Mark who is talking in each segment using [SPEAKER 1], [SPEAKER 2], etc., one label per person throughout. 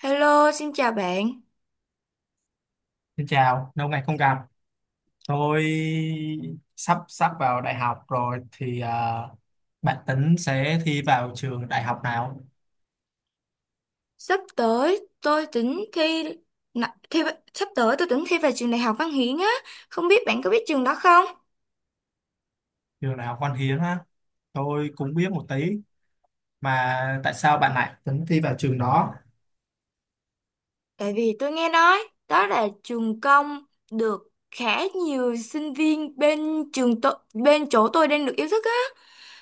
[SPEAKER 1] Hello, xin chào bạn.
[SPEAKER 2] Xin chào, lâu ngày không gặp. Tôi sắp sắp vào đại học rồi bạn tính sẽ thi vào trường đại học nào?
[SPEAKER 1] Sắp tới tôi tính thi, nà- thi sắp tới tôi tính thi vào trường Đại học Văn Hiến á, không biết bạn có biết trường đó không?
[SPEAKER 2] Trường đại học Văn Hiến á. Tôi cũng biết một tí mà tại sao bạn lại tính thi vào trường đó?
[SPEAKER 1] Tại vì tôi nghe nói đó là trường công được khá nhiều sinh viên bên trường tôi, bên chỗ tôi đang được yêu thích á.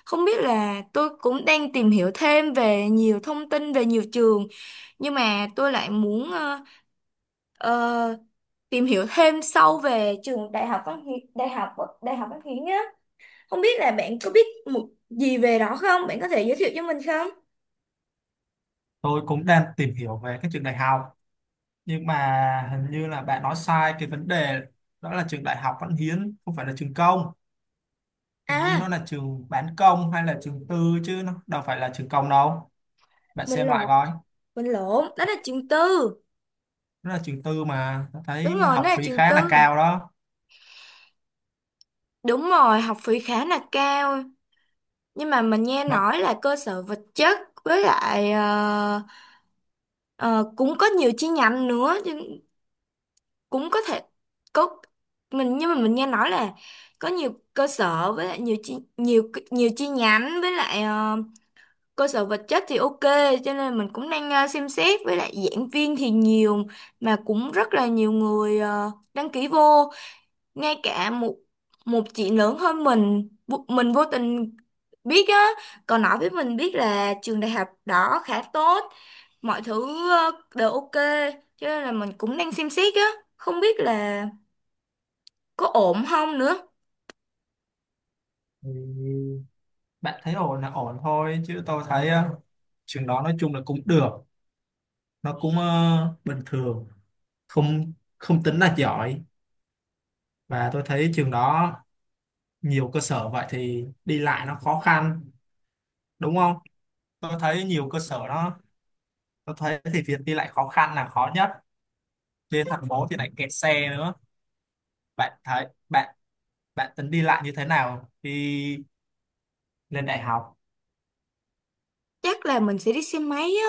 [SPEAKER 1] Không biết là tôi cũng đang tìm hiểu thêm về nhiều thông tin về nhiều trường, nhưng mà tôi lại muốn ờ, tìm hiểu thêm sâu về trường Đại học Văn Hiến, Đại học Văn Hiến á. Không biết là bạn có biết một gì về đó không? Bạn có thể giới thiệu cho mình không?
[SPEAKER 2] Tôi cũng đang tìm hiểu về các trường đại học nhưng mà hình như là bạn nói sai cái vấn đề, đó là trường đại học Văn Hiến không phải là trường công. Hình như nó
[SPEAKER 1] À,
[SPEAKER 2] là trường bán công hay là trường tư chứ nó đâu phải là trường công đâu. Bạn
[SPEAKER 1] mình
[SPEAKER 2] xem lại
[SPEAKER 1] lộn,
[SPEAKER 2] coi.
[SPEAKER 1] đó là trường tư.
[SPEAKER 2] Nó là trường tư mà nó
[SPEAKER 1] Đúng
[SPEAKER 2] thấy
[SPEAKER 1] rồi, đó
[SPEAKER 2] học
[SPEAKER 1] là
[SPEAKER 2] phí
[SPEAKER 1] trường
[SPEAKER 2] khá là
[SPEAKER 1] tư.
[SPEAKER 2] cao đó
[SPEAKER 1] Đúng rồi, học phí khá là cao. Nhưng mà mình nghe
[SPEAKER 2] mà
[SPEAKER 1] nói là cơ sở vật chất với lại ờ, cũng có nhiều chi nhánh nữa, nhưng cũng có thể có mình nhưng mà mình nghe nói là có nhiều cơ sở với lại nhiều chi nhiều nhiều chi nhánh với lại cơ sở vật chất thì ok, cho nên mình cũng đang xem xét, với lại giảng viên thì nhiều mà cũng rất là nhiều người đăng ký vô. Ngay cả một một chị lớn hơn mình mình vô tình biết á còn nói với mình biết là trường đại học đó khá tốt, mọi thứ đều ok, cho nên là mình cũng đang xem xét á, không biết là có ổn không nữa.
[SPEAKER 2] thì bạn thấy ổn là ổn thôi chứ tôi thấy trường đó nói chung là cũng được, nó cũng bình thường, không không tính là giỏi. Và tôi thấy trường đó nhiều cơ sở vậy thì đi lại nó khó khăn đúng không, tôi thấy nhiều cơ sở đó, tôi thấy thì việc đi lại khó khăn là khó nhất, trên thành phố thì lại kẹt xe nữa. Bạn bạn tính đi lại như thế nào khi lên đại học?
[SPEAKER 1] Chắc là mình sẽ đi xe máy á.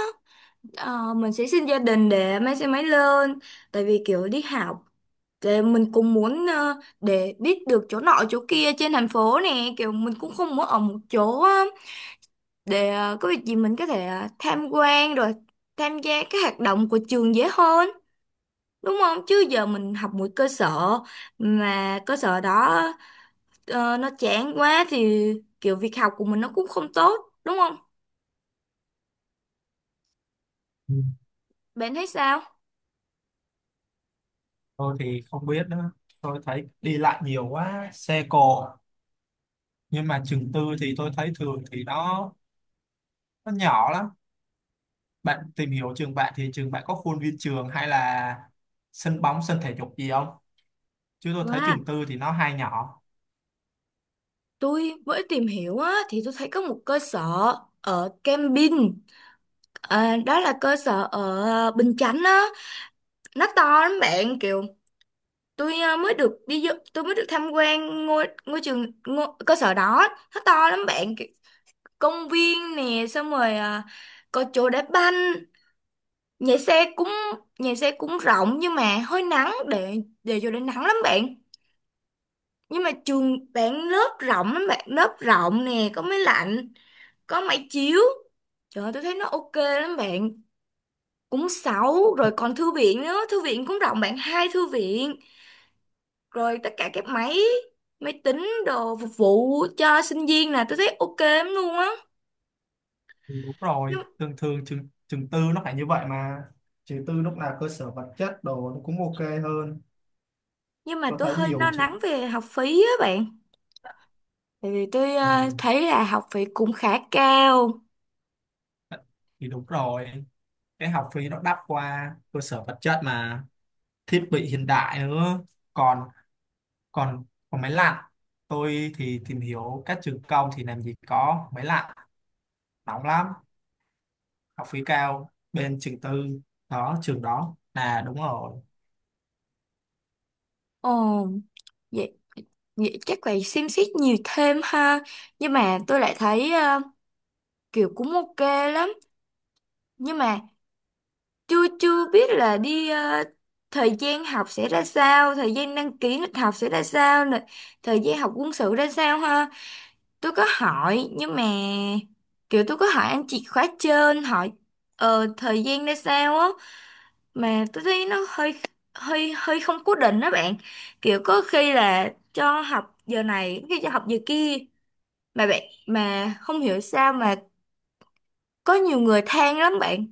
[SPEAKER 1] Mình sẽ xin gia đình để mang xe máy lên, tại vì kiểu đi học. Thì mình cũng muốn để biết được chỗ nọ chỗ kia trên thành phố nè, kiểu mình cũng không muốn ở một chỗ á, để có việc gì mình có thể tham quan rồi tham gia các hoạt động của trường dễ hơn, đúng không? Chứ giờ mình học một cơ sở mà cơ sở đó nó chán quá thì kiểu việc học của mình nó cũng không tốt, đúng không? Bạn thấy sao?
[SPEAKER 2] Tôi thì không biết nữa. Tôi thấy đi lại nhiều quá, xe cộ. Nhưng mà trường tư thì tôi thấy thường thì nó nhỏ lắm. Bạn tìm hiểu trường bạn thì trường bạn có khuôn viên trường hay là sân bóng, sân thể dục gì không? Chứ tôi thấy
[SPEAKER 1] Wow,
[SPEAKER 2] trường tư thì nó hay nhỏ.
[SPEAKER 1] tôi mới tìm hiểu á, thì tôi thấy có một cơ sở ở Cam Vin, à, đó là cơ sở ở Bình Chánh á, nó to lắm bạn. Kiểu tôi mới được đi vô- tôi mới được tham quan ngôi ngôi trường ngôi, cơ sở đó, nó to lắm bạn. Kiểu công viên nè, xong rồi có chỗ đá banh, nhà xe cũng nhà xe cũng rộng nhưng mà hơi nắng, để vô để nắng lắm bạn. Nhưng mà trường bạn lớp rộng lắm bạn, lớp rộng nè, có máy lạnh, có máy chiếu. Trời ơi, tôi thấy nó ok lắm bạn, cũng sáu rồi, còn thư viện nữa, thư viện cũng rộng bạn, hai thư viện, rồi tất cả các máy máy tính đồ phục vụ cho sinh viên, là tôi thấy ok lắm luôn á.
[SPEAKER 2] Ừ, đúng
[SPEAKER 1] nhưng,
[SPEAKER 2] rồi, thường thường trường tư nó phải như vậy mà. Trường tư lúc nào cơ sở vật chất đồ nó cũng ok hơn.
[SPEAKER 1] nhưng mà
[SPEAKER 2] Tôi
[SPEAKER 1] tôi
[SPEAKER 2] thấy
[SPEAKER 1] hơi
[SPEAKER 2] nhiều
[SPEAKER 1] lo
[SPEAKER 2] trường...
[SPEAKER 1] lắng về học phí á bạn, tại vì tôi
[SPEAKER 2] Ừ.
[SPEAKER 1] thấy là học phí cũng khá cao.
[SPEAKER 2] Thì đúng rồi, cái học phí nó đắt qua cơ sở vật chất mà, thiết bị hiện đại nữa, còn còn còn máy lạnh. Tôi thì tìm hiểu các trường công thì làm gì có máy lạnh, nóng lắm. Học phí cao bên trường tư, đó trường đó là đúng rồi.
[SPEAKER 1] Ồ, vậy, chắc phải xem xét nhiều thêm ha. Nhưng mà tôi lại thấy kiểu cũng ok lắm, nhưng mà chưa chưa biết là đi thời gian học sẽ ra sao, thời gian đăng ký lịch học sẽ ra sao nè, thời gian học quân sự ra sao ha. Tôi có hỏi nhưng mà kiểu tôi có hỏi anh chị khóa trên, hỏi thời gian ra sao á, mà tôi thấy nó hơi hơi hơi không cố định đó bạn. Kiểu có khi là cho học giờ này, có khi cho học giờ kia, mà bạn, mà không hiểu sao mà có nhiều người than lắm bạn.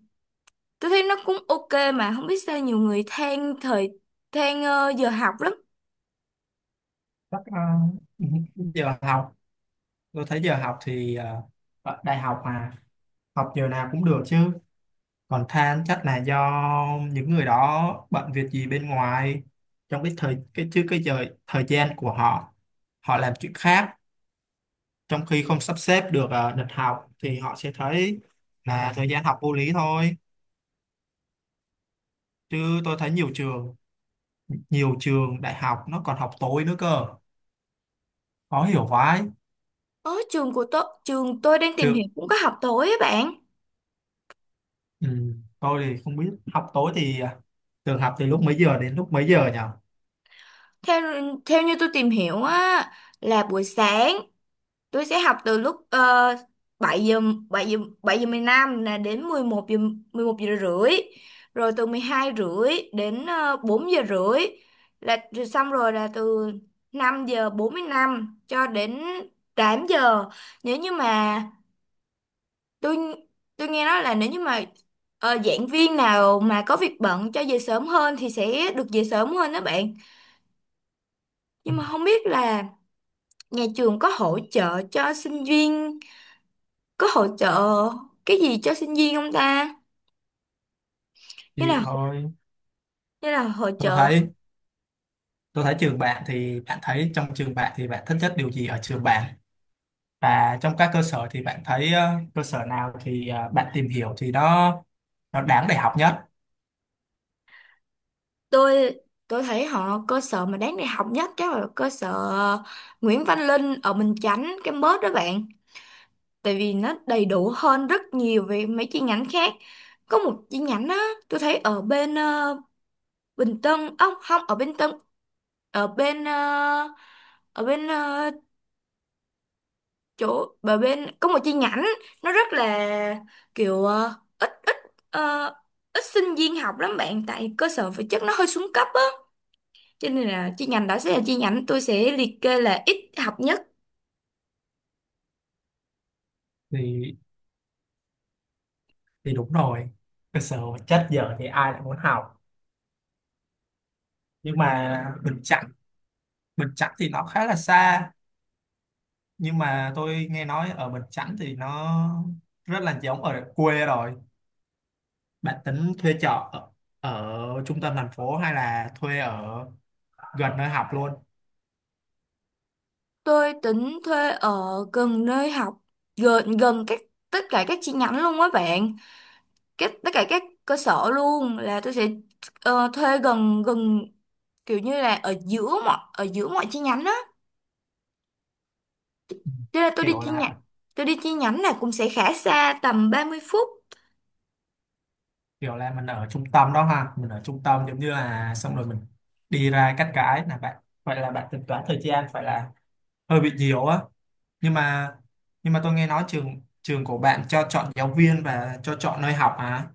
[SPEAKER 1] Tôi thấy nó cũng ok mà không biết sao nhiều người than thời, than giờ học lắm.
[SPEAKER 2] Chắc, ờ, giờ học, tôi thấy giờ học thì ở đại học mà, học giờ nào cũng được chứ. Còn than chắc là do những người đó bận việc gì bên ngoài, trong cái giờ thời gian của họ, họ làm chuyện khác, trong khi không sắp xếp được lịch học thì họ sẽ thấy là thời gian học vô lý thôi. Chứ tôi thấy nhiều trường, nhiều trường đại học nó còn học tối nữa cơ, khó hiểu vãi.
[SPEAKER 1] Ở trường của tôi, trường tôi đang tìm
[SPEAKER 2] Chứ
[SPEAKER 1] hiểu cũng có học tối á bạn.
[SPEAKER 2] ừ, tôi thì không biết học tối thì à, trường học từ lúc mấy giờ đến lúc mấy giờ nhỉ?
[SPEAKER 1] Theo theo như tôi tìm hiểu á, là buổi sáng tôi sẽ học từ lúc 7 giờ 7 giờ 7 giờ 15 là đến 11 giờ 11 giờ rưỡi, rồi từ 12 rưỡi đến 4 giờ rưỡi, là rồi xong rồi là từ 5 giờ 45 cho đến 8 giờ. Nếu như mà tôi tôi nghe nói là nếu như mà giảng viên nào mà có việc bận cho về sớm hơn thì sẽ được về sớm hơn đó bạn.
[SPEAKER 2] Ừ,
[SPEAKER 1] Nhưng mà không biết là nhà trường có hỗ trợ cho sinh viên, có hỗ trợ cái gì cho sinh viên không ta, như
[SPEAKER 2] chịu
[SPEAKER 1] là
[SPEAKER 2] thôi.
[SPEAKER 1] hỗ
[SPEAKER 2] tôi
[SPEAKER 1] trợ.
[SPEAKER 2] thấy tôi thấy trường bạn thì bạn thấy trong trường bạn thì bạn thích nhất điều gì ở trường bạn, và trong các cơ sở thì bạn thấy cơ sở nào thì bạn tìm hiểu thì nó đáng để học nhất?
[SPEAKER 1] tôi tôi thấy họ cơ sở mà đáng đại học nhất chắc là cơ sở Nguyễn Văn Linh ở Bình Chánh campus đó bạn, tại vì nó đầy đủ hơn rất nhiều về mấy chi nhánh khác. Có một chi nhánh á, tôi thấy ở bên Bình Tân, ông không, ở bên Tân, ở bên ở bên ờ, chỗ ở bên có một chi nhánh, nó rất là kiểu ít ít ờ, ít sinh viên học lắm bạn, tại cơ sở vật chất nó hơi xuống cấp á, cho nên là chi nhánh đó sẽ là chi nhánh tôi sẽ liệt kê là ít học nhất.
[SPEAKER 2] Thì thì đúng rồi, cơ sở vật chất giờ thì ai lại muốn học. Nhưng mà Bình Chánh thì nó khá là xa, nhưng mà tôi nghe nói ở Bình Chánh thì nó rất là giống ở quê rồi. Bạn tính thuê trọ ở trung tâm thành phố hay là thuê ở gần nơi học luôn?
[SPEAKER 1] Tôi tính thuê ở gần nơi học, gần gần các, tất cả các chi nhánh luôn á bạn. Các tất cả các cơ sở luôn là tôi sẽ thuê gần gần, kiểu như là ở giữa mọi chi nhánh á.
[SPEAKER 2] Ừ.
[SPEAKER 1] Thế là tôi đi
[SPEAKER 2] kiểu
[SPEAKER 1] chi
[SPEAKER 2] là
[SPEAKER 1] nhánh,
[SPEAKER 2] ở-
[SPEAKER 1] là cũng sẽ khá xa, tầm 30 phút.
[SPEAKER 2] Kiểu là mình ở trung tâm đó ha, mình ở trung tâm giống như là xong rồi mình đi ra cắt cái là bạn, vậy là bạn tính toán thời gian phải là hơi bị nhiều á. Nhưng mà, nhưng mà tôi nghe nói trường trường của bạn cho chọn giáo viên và cho chọn nơi học à,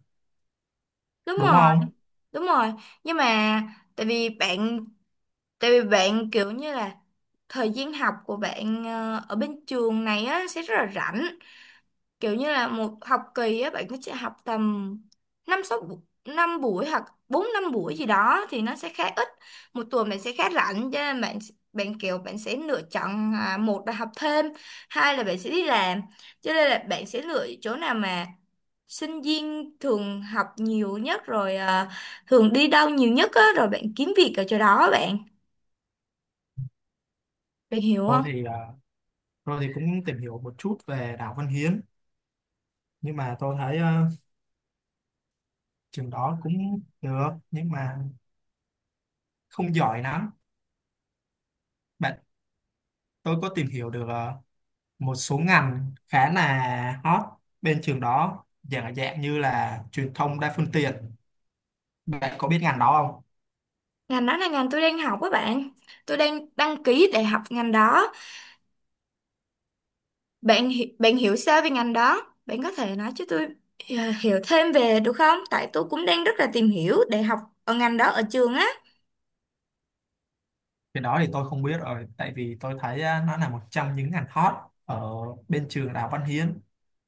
[SPEAKER 1] Đúng
[SPEAKER 2] đúng
[SPEAKER 1] rồi.
[SPEAKER 2] không?
[SPEAKER 1] Đúng rồi. Nhưng mà tại vì bạn tại vì bạn kiểu như là thời gian học của bạn ở bên trường này á sẽ rất là rảnh. Kiểu như là một học kỳ á bạn sẽ học tầm năm sáu bu- năm buổi hoặc bốn năm buổi gì đó, thì nó sẽ khá ít, một tuần bạn sẽ khá rảnh. Cho nên bạn, bạn kiểu bạn sẽ lựa chọn à, một là học thêm, hai là bạn sẽ đi làm. Cho nên là bạn sẽ lựa chỗ nào mà sinh viên thường học nhiều nhất rồi à, thường đi đâu nhiều nhất á, rồi bạn kiếm việc ở chỗ đó bạn, bạn hiểu
[SPEAKER 2] Tôi
[SPEAKER 1] không?
[SPEAKER 2] thì à, tôi thì cũng tìm hiểu một chút về Đào Văn Hiến, nhưng mà tôi thấy trường đó cũng được nhưng mà không giỏi lắm bạn. Tôi có tìm hiểu được một số ngành khá là hot bên trường đó, dạng dạng như là truyền thông đa phương tiện. Bạn có biết ngành đó không?
[SPEAKER 1] Ngành đó là ngành tôi đang học á bạn, tôi đang đăng ký để học ngành đó. Bạn hiểu sao về ngành đó? Bạn có thể nói cho tôi à, hiểu thêm về được không? Tại tôi cũng đang rất là tìm hiểu để học ở ngành đó ở trường á.
[SPEAKER 2] Cái đó thì tôi không biết rồi, tại vì tôi thấy á, nó là một trong những ngành hot ở bên trường Đại học Văn Hiến.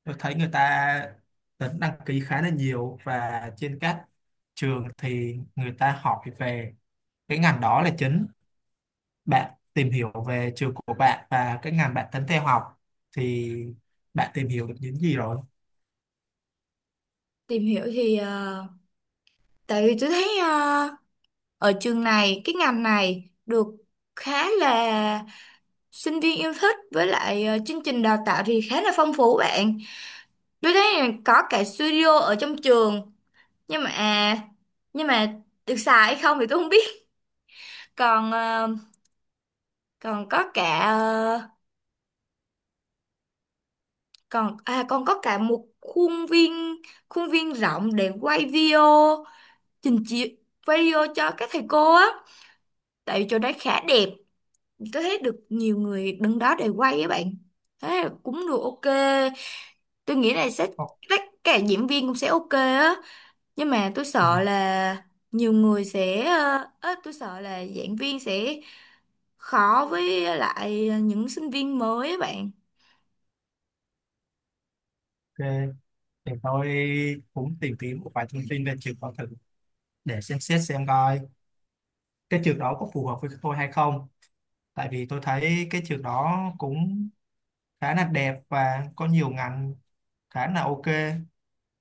[SPEAKER 2] Tôi thấy người ta tính đăng ký khá là nhiều, và trên các trường thì người ta hỏi về cái ngành đó là chính. Bạn tìm hiểu về trường của bạn và cái ngành bạn tính theo học thì bạn tìm hiểu được những gì rồi?
[SPEAKER 1] Tìm hiểu thì tại vì tôi thấy ở trường này cái ngành này được khá là sinh viên yêu thích với lại chương trình đào tạo thì khá là phong phú bạn. Tôi thấy là có cả studio ở trong trường, nhưng mà à, nhưng mà được xài hay không thì tôi không biết. Còn còn có cả còn có cả một khuôn viên, khuôn viên rộng để quay video, trình chiếu, quay video cho các thầy cô á, tại vì chỗ đấy khá đẹp, tôi thấy được nhiều người đứng đó để quay á bạn. Thế là cũng được ok, tôi nghĩ là sẽ,
[SPEAKER 2] Ok,
[SPEAKER 1] tất cả diễn viên cũng sẽ ok á. Nhưng mà tôi sợ là nhiều người sẽ á, tôi sợ là giảng viên sẽ khó với lại những sinh viên mới á bạn.
[SPEAKER 2] để tôi cũng tìm kiếm một vài thông tin về trường con thử, để xem xét xem coi cái trường đó có phù hợp với tôi hay không. Tại vì tôi thấy cái trường đó cũng khá là đẹp và có nhiều ngành khá là ok,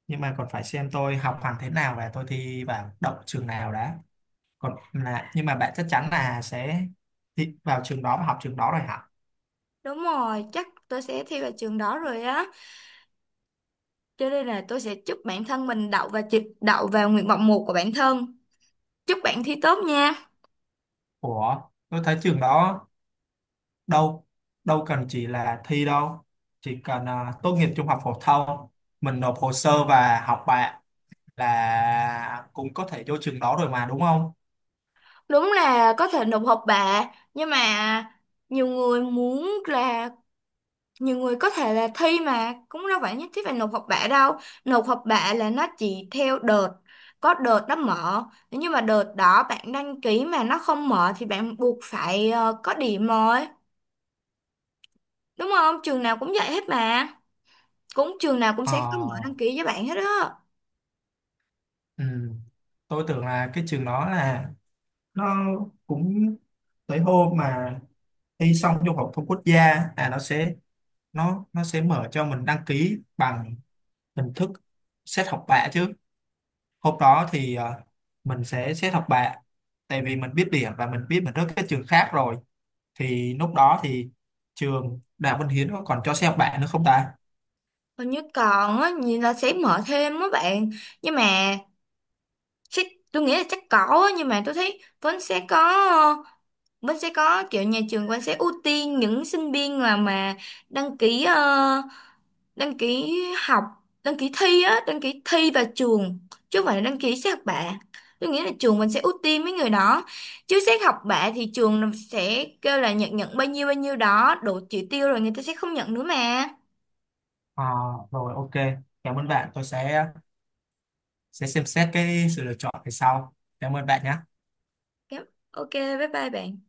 [SPEAKER 2] nhưng mà còn phải xem tôi học hành thế nào và tôi thi vào đậu trường nào đã. Còn là nhưng mà bạn chắc chắn là sẽ thi vào trường đó và học trường đó rồi hả?
[SPEAKER 1] Đúng rồi, chắc tôi sẽ thi vào trường đó rồi á. Cho nên là tôi sẽ chúc bản thân mình đậu và chịch đậu vào nguyện vọng một của bản thân. Chúc bạn thi tốt nha.
[SPEAKER 2] Ủa, tôi thấy trường đó đâu đâu cần chỉ là thi đâu, chỉ cần à, tốt nghiệp trung học phổ thông mình nộp hồ sơ và học bạ là cũng có thể vô trường đó rồi mà đúng không?
[SPEAKER 1] Đúng là có thể nộp học bạ, nhưng mà nhiều người muốn là, nhiều người có thể là thi mà cũng đâu phải nhất thiết phải nộp học bạ đâu. Nộp học bạ là nó chỉ theo đợt, có đợt nó mở. Nếu như mà đợt đó bạn đăng ký mà nó không mở thì bạn buộc phải có điểm rồi. Đúng không? Trường nào cũng vậy hết mà. Cũng trường nào cũng
[SPEAKER 2] Ờ.
[SPEAKER 1] sẽ có mở đăng ký với bạn hết á.
[SPEAKER 2] Ừ. Tôi tưởng là cái trường đó là nó cũng tới hôm mà thi xong trung học thông quốc gia là nó sẽ mở cho mình đăng ký bằng hình thức xét học bạ chứ. Hôm đó thì mình sẽ xét học bạ, tại vì mình biết điểm và mình biết mình rớt các trường khác rồi, thì lúc đó thì trường Đại học Văn Hiến nó còn cho xét học bạ nữa không ta?
[SPEAKER 1] Hình như còn á, nhìn là sẽ mở thêm á bạn. Nhưng mà chắc, tôi nghĩ là chắc có á. Nhưng mà tôi thấy vẫn sẽ có ờ, vẫn sẽ có kiểu nhà trường vẫn sẽ ưu tiên những sinh viên là mà đăng ký đăng ký học đăng ký thi á, đăng ký thi vào trường, chứ không phải là đăng ký xét học bạ. Tôi nghĩ là trường mình sẽ ưu tiên mấy người đó, chứ xét học bạ thì trường sẽ kêu là nhận, nhận bao nhiêu đó đủ chỉ tiêu rồi người ta sẽ không nhận nữa mà.
[SPEAKER 2] Ờ, rồi ok, cảm ơn bạn, tôi sẽ xem xét cái sự lựa chọn về sau. Cảm ơn bạn nhé.
[SPEAKER 1] Yep, ok, bye bye bạn.